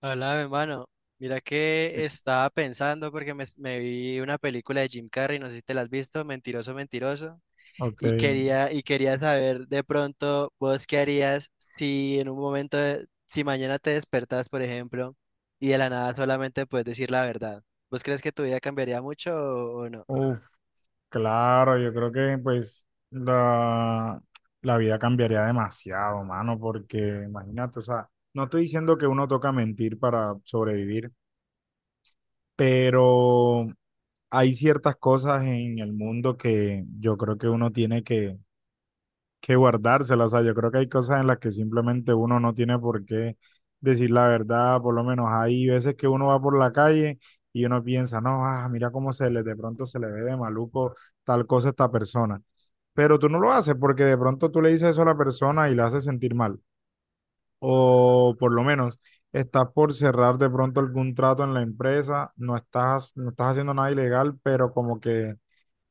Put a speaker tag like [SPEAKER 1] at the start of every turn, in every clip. [SPEAKER 1] Hola, mi hermano. Mira que estaba pensando porque me vi una película de Jim Carrey, no sé si te la has visto, Mentiroso, Mentiroso,
[SPEAKER 2] Ok,
[SPEAKER 1] y quería saber de pronto vos qué harías si en un momento, si mañana te despertas, por ejemplo, y de la nada solamente puedes decir la verdad. ¿Vos crees que tu vida cambiaría mucho o no?
[SPEAKER 2] uf, claro, yo creo que pues la vida cambiaría demasiado, mano, porque imagínate, o sea, no estoy diciendo que uno toca mentir para sobrevivir, pero hay ciertas cosas en el mundo que yo creo que uno tiene que guardárselas. O sea, yo creo que hay cosas en las que simplemente uno no tiene por qué decir la verdad. Por lo menos hay veces que uno va por la calle y uno piensa, no, ah, mira cómo se le, de pronto se le ve de maluco tal cosa a esta persona. Pero tú no lo haces porque de pronto tú le dices eso a la persona y la haces sentir mal. O por lo menos estás por cerrar de pronto algún trato en la empresa, no estás haciendo nada ilegal, pero como que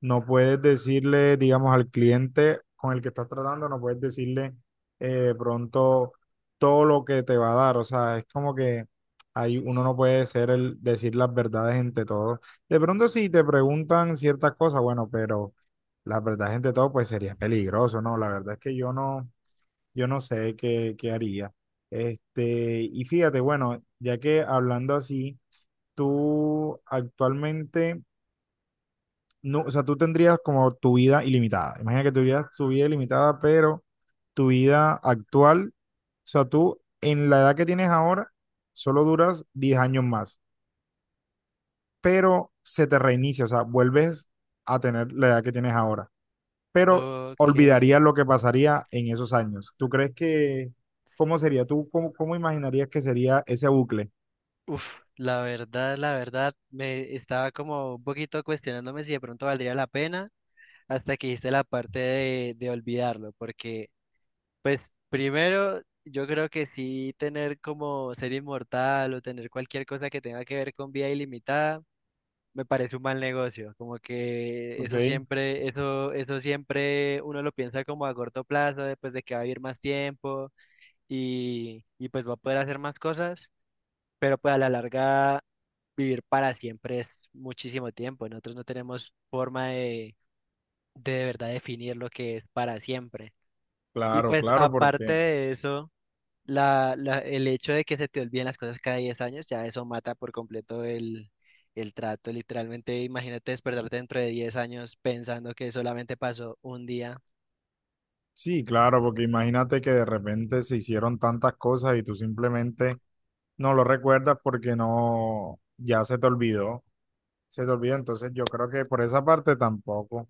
[SPEAKER 2] no puedes decirle, digamos, al cliente con el que estás tratando, no puedes decirle pronto todo lo que te va a dar. O sea, es como que ahí uno no puede ser el decir las verdades entre todos. De pronto si te preguntan ciertas cosas, bueno, pero las verdades entre todos, pues sería peligroso, ¿no? La verdad es que yo no sé qué haría. Este, y fíjate, bueno, ya que hablando así, tú actualmente no, o sea, tú tendrías como tu vida ilimitada. Imagina que tuvieras tu vida ilimitada, pero tu vida actual, o sea, tú en la edad que tienes ahora, solo duras 10 años más, pero se te reinicia, o sea, vuelves a tener la edad que tienes ahora, pero
[SPEAKER 1] Ok.
[SPEAKER 2] olvidarías lo que pasaría en esos años. ¿Tú crees que, cómo sería? ¿Tú cómo, cómo imaginarías que sería ese bucle?
[SPEAKER 1] Uf, la verdad, me estaba como un poquito cuestionándome si de pronto valdría la pena, hasta que hice la parte de olvidarlo, porque pues primero yo creo que sí, tener como ser inmortal o tener cualquier cosa que tenga que ver con vida ilimitada me parece un mal negocio, como que
[SPEAKER 2] Ok,
[SPEAKER 1] eso siempre, eso siempre uno lo piensa como a corto plazo, después de que va a vivir más tiempo y pues va a poder hacer más cosas, pero pues a la larga vivir para siempre es muchísimo tiempo, nosotros no tenemos forma de verdad definir lo que es para siempre. Y
[SPEAKER 2] claro,
[SPEAKER 1] pues
[SPEAKER 2] claro,
[SPEAKER 1] aparte
[SPEAKER 2] porque
[SPEAKER 1] de eso, el hecho de que se te olviden las cosas cada 10 años, ya eso mata por completo el trato. Literalmente, imagínate despertarte dentro de 10 años pensando que solamente pasó un día.
[SPEAKER 2] sí, claro, porque imagínate que de repente se hicieron tantas cosas y tú simplemente no lo recuerdas porque no, ya se te olvidó, se te olvidó. Entonces yo creo que por esa parte tampoco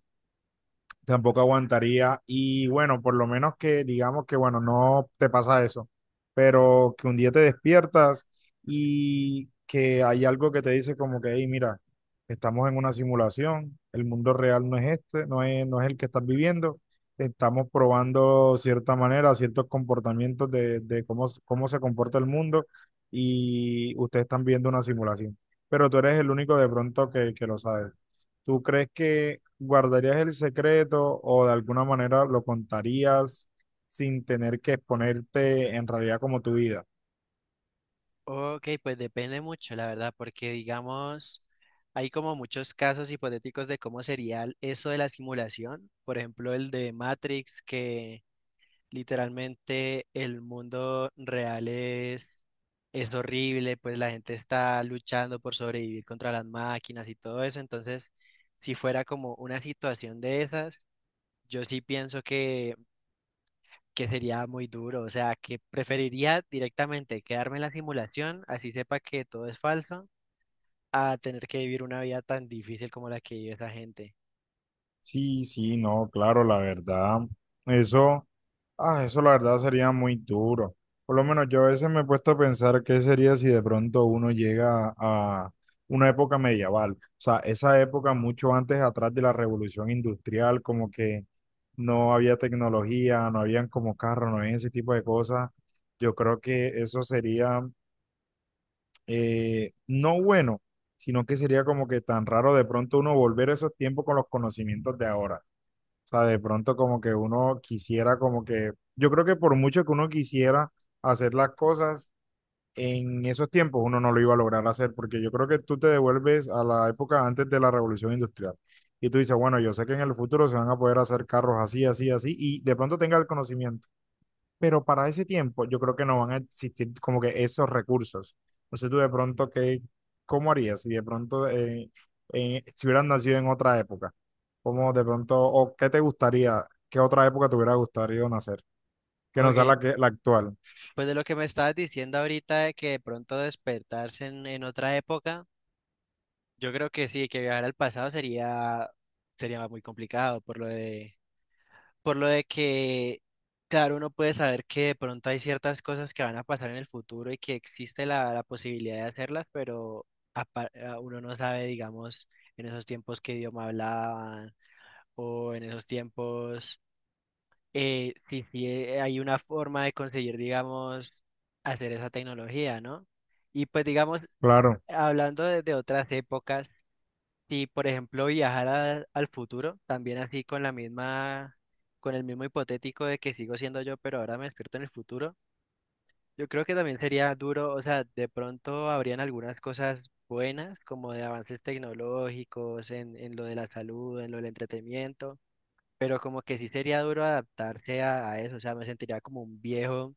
[SPEAKER 2] tampoco aguantaría. Y bueno, por lo menos que digamos que, bueno, no te pasa eso, pero que un día te despiertas y que hay algo que te dice como que, hey, mira, estamos en una simulación, el mundo real no es este, no es el que estás viviendo, estamos probando cierta manera, ciertos comportamientos de cómo, cómo se comporta el mundo y ustedes están viendo una simulación. Pero tú eres el único de pronto que lo sabe. ¿Tú crees que guardarías el secreto o de alguna manera lo contarías sin tener que exponerte en realidad como tu vida?
[SPEAKER 1] Ok, pues depende mucho, la verdad, porque digamos, hay como muchos casos hipotéticos de cómo sería eso de la simulación. Por ejemplo, el de Matrix, que literalmente el mundo real es horrible, pues la gente está luchando por sobrevivir contra las máquinas y todo eso. Entonces, si fuera como una situación de esas, yo sí pienso que sería muy duro. O sea, que preferiría directamente quedarme en la simulación, así sepa que todo es falso, a tener que vivir una vida tan difícil como la que vive esa gente.
[SPEAKER 2] Sí, sí, no, claro, la verdad. Eso. Ah, eso la verdad sería muy duro. Por lo menos yo a veces me he puesto a pensar qué sería si de pronto uno llega a una época medieval. O sea, esa época mucho antes atrás de la revolución industrial, como que no había tecnología, no habían como carros, no había ese tipo de cosas. Yo creo que eso sería no bueno, sino que sería como que tan raro de pronto uno volver a esos tiempos con los conocimientos de ahora sea, de pronto como que uno quisiera como que, yo creo que por mucho que uno quisiera hacer las cosas en esos tiempos, uno no lo iba a lograr hacer, porque yo creo que tú te devuelves a la época antes de la revolución industrial. Y tú dices, bueno, yo sé que en el futuro se van a poder hacer carros así, así, así, y de pronto tenga el conocimiento pero para ese tiempo yo creo que no van a existir como que esos recursos. No sé tú de pronto qué, cómo harías si de pronto si hubieras nacido en otra época, cómo de pronto, o qué te gustaría, qué otra época te hubiera gustado nacer, que no sea
[SPEAKER 1] Ok,
[SPEAKER 2] la, que, la actual.
[SPEAKER 1] pues de lo que me estabas diciendo ahorita de que de pronto despertarse en otra época. Yo creo que sí, que viajar al pasado sería muy complicado por lo de que, claro, uno puede saber que de pronto hay ciertas cosas que van a pasar en el futuro y que existe la posibilidad de hacerlas, pero uno no sabe, digamos, en esos tiempos qué idioma hablaban o en esos tiempos si, si hay una forma de conseguir, digamos, hacer esa tecnología, ¿no? Y pues, digamos,
[SPEAKER 2] Claro,
[SPEAKER 1] hablando de otras épocas. Si, por ejemplo, viajara al futuro, también así con la misma, con el mismo hipotético de que sigo siendo yo, pero ahora me despierto en el futuro, yo creo que también sería duro, o sea, de pronto habrían algunas cosas buenas, como de avances tecnológicos, en lo de la salud, en lo del entretenimiento, pero como que sí sería duro adaptarse a eso, o sea, me sentiría como un viejo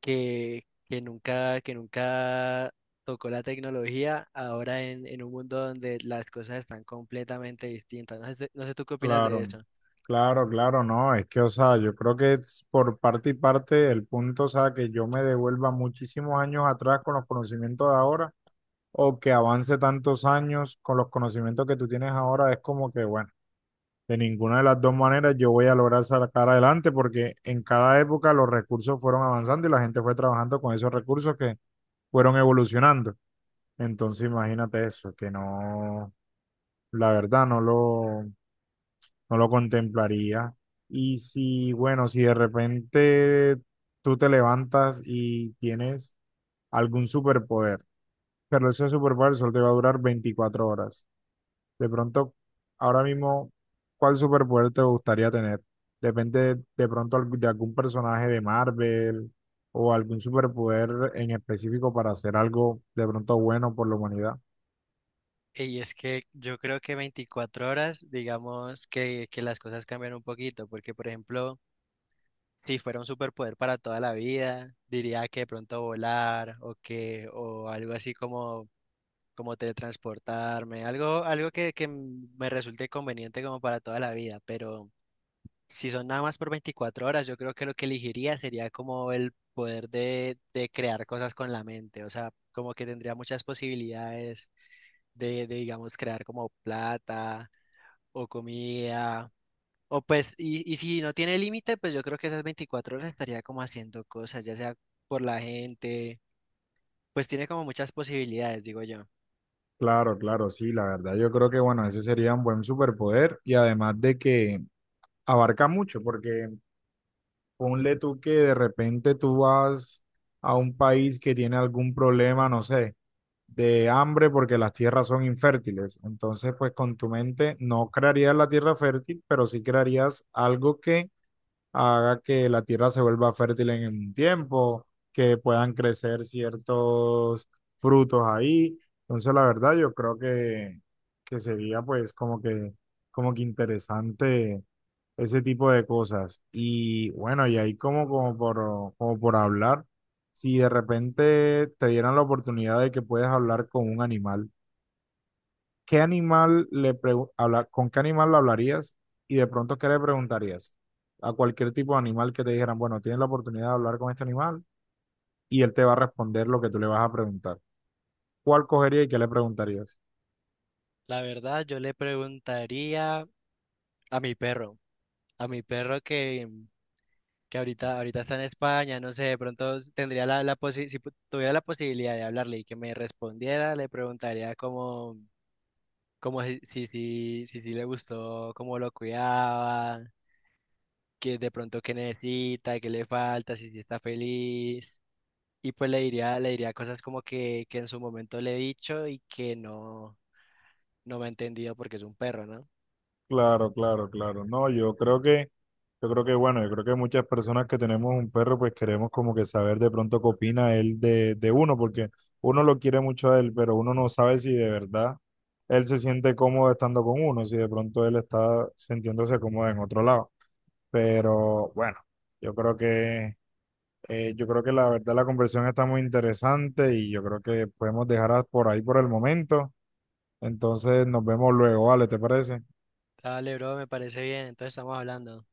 [SPEAKER 1] que nunca tocó la tecnología, ahora en un mundo donde las cosas están completamente distintas. No sé, no sé tú qué opinas de
[SPEAKER 2] claro,
[SPEAKER 1] eso.
[SPEAKER 2] claro, claro, no, es que, o sea, yo creo que es por parte y parte el punto, o sea, que yo me devuelva muchísimos años atrás con los conocimientos de ahora o que avance tantos años con los conocimientos que tú tienes ahora, es como que, bueno, de ninguna de las dos maneras yo voy a lograr sacar adelante porque en cada época los recursos fueron avanzando y la gente fue trabajando con esos recursos que fueron evolucionando. Entonces imagínate eso, que no, la verdad, no lo contemplaría. Y si, bueno, si de repente tú te levantas y tienes algún superpoder, pero ese superpoder solo te va a durar 24 horas. De pronto, ahora mismo, ¿cuál superpoder te gustaría tener? Depende de pronto de algún personaje de Marvel o algún superpoder en específico para hacer algo de pronto bueno por la humanidad.
[SPEAKER 1] Y es que yo creo que 24 horas, digamos que las cosas cambian un poquito, porque por ejemplo, si fuera un superpoder para toda la vida, diría que de pronto volar o que, o algo así como, como teletransportarme, algo, algo que me resulte conveniente como para toda la vida, pero si son nada más por 24 horas, yo creo que lo que elegiría sería como el poder de crear cosas con la mente, o sea, como que tendría muchas posibilidades digamos, crear como plata o comida, o pues, y si no tiene límite, pues yo creo que esas 24 horas estaría como haciendo cosas, ya sea por la gente, pues tiene como muchas posibilidades, digo yo.
[SPEAKER 2] Claro, claro, sí, la verdad yo creo que bueno, ese sería un buen superpoder y además de que abarca mucho, porque ponle tú que de repente tú vas a un país que tiene algún problema, no sé de hambre porque las tierras son infértiles. Entonces, pues con tu mente no crearías la tierra fértil, pero sí crearías algo que haga que la tierra se vuelva fértil en un tiempo, que puedan crecer ciertos frutos ahí. Entonces, la verdad, yo creo que sería pues como que interesante ese tipo de cosas. Y bueno, y ahí como por hablar, si de repente te dieran la oportunidad de que puedes hablar con un animal, ¿qué animal le con qué animal lo hablarías y de pronto qué le preguntarías? A cualquier tipo de animal que te dijeran, bueno, tienes la oportunidad de hablar con este animal y él te va a responder lo que tú le vas a preguntar. ¿Cuál cogería y qué le preguntarías?
[SPEAKER 1] La verdad, yo le preguntaría a mi perro, a mi perro que ahorita está en España, no sé, de pronto tendría la, la posi- si pu- tuviera la posibilidad de hablarle y que me respondiera, le preguntaría como, como si le gustó, cómo lo cuidaba, que de pronto qué necesita, qué le falta, si está feliz. Y pues le diría cosas como que en su momento le he dicho y que no, no me ha entendido porque es un perro, ¿no?
[SPEAKER 2] Claro, claro, claro. No, yo creo que yo creo que, bueno, yo creo que muchas personas que tenemos un perro, pues queremos como que saber de pronto qué opina él de uno, porque uno lo quiere mucho a él, pero uno no sabe si de verdad él se siente cómodo estando con uno, si de pronto él está sintiéndose cómodo en otro lado. Pero bueno, yo creo que, yo creo que la verdad la conversación está muy interesante y yo creo que podemos dejarla por ahí por el momento. Entonces nos vemos luego, ¿vale? ¿Te parece?
[SPEAKER 1] Dale, bro, me parece bien, entonces estamos hablando.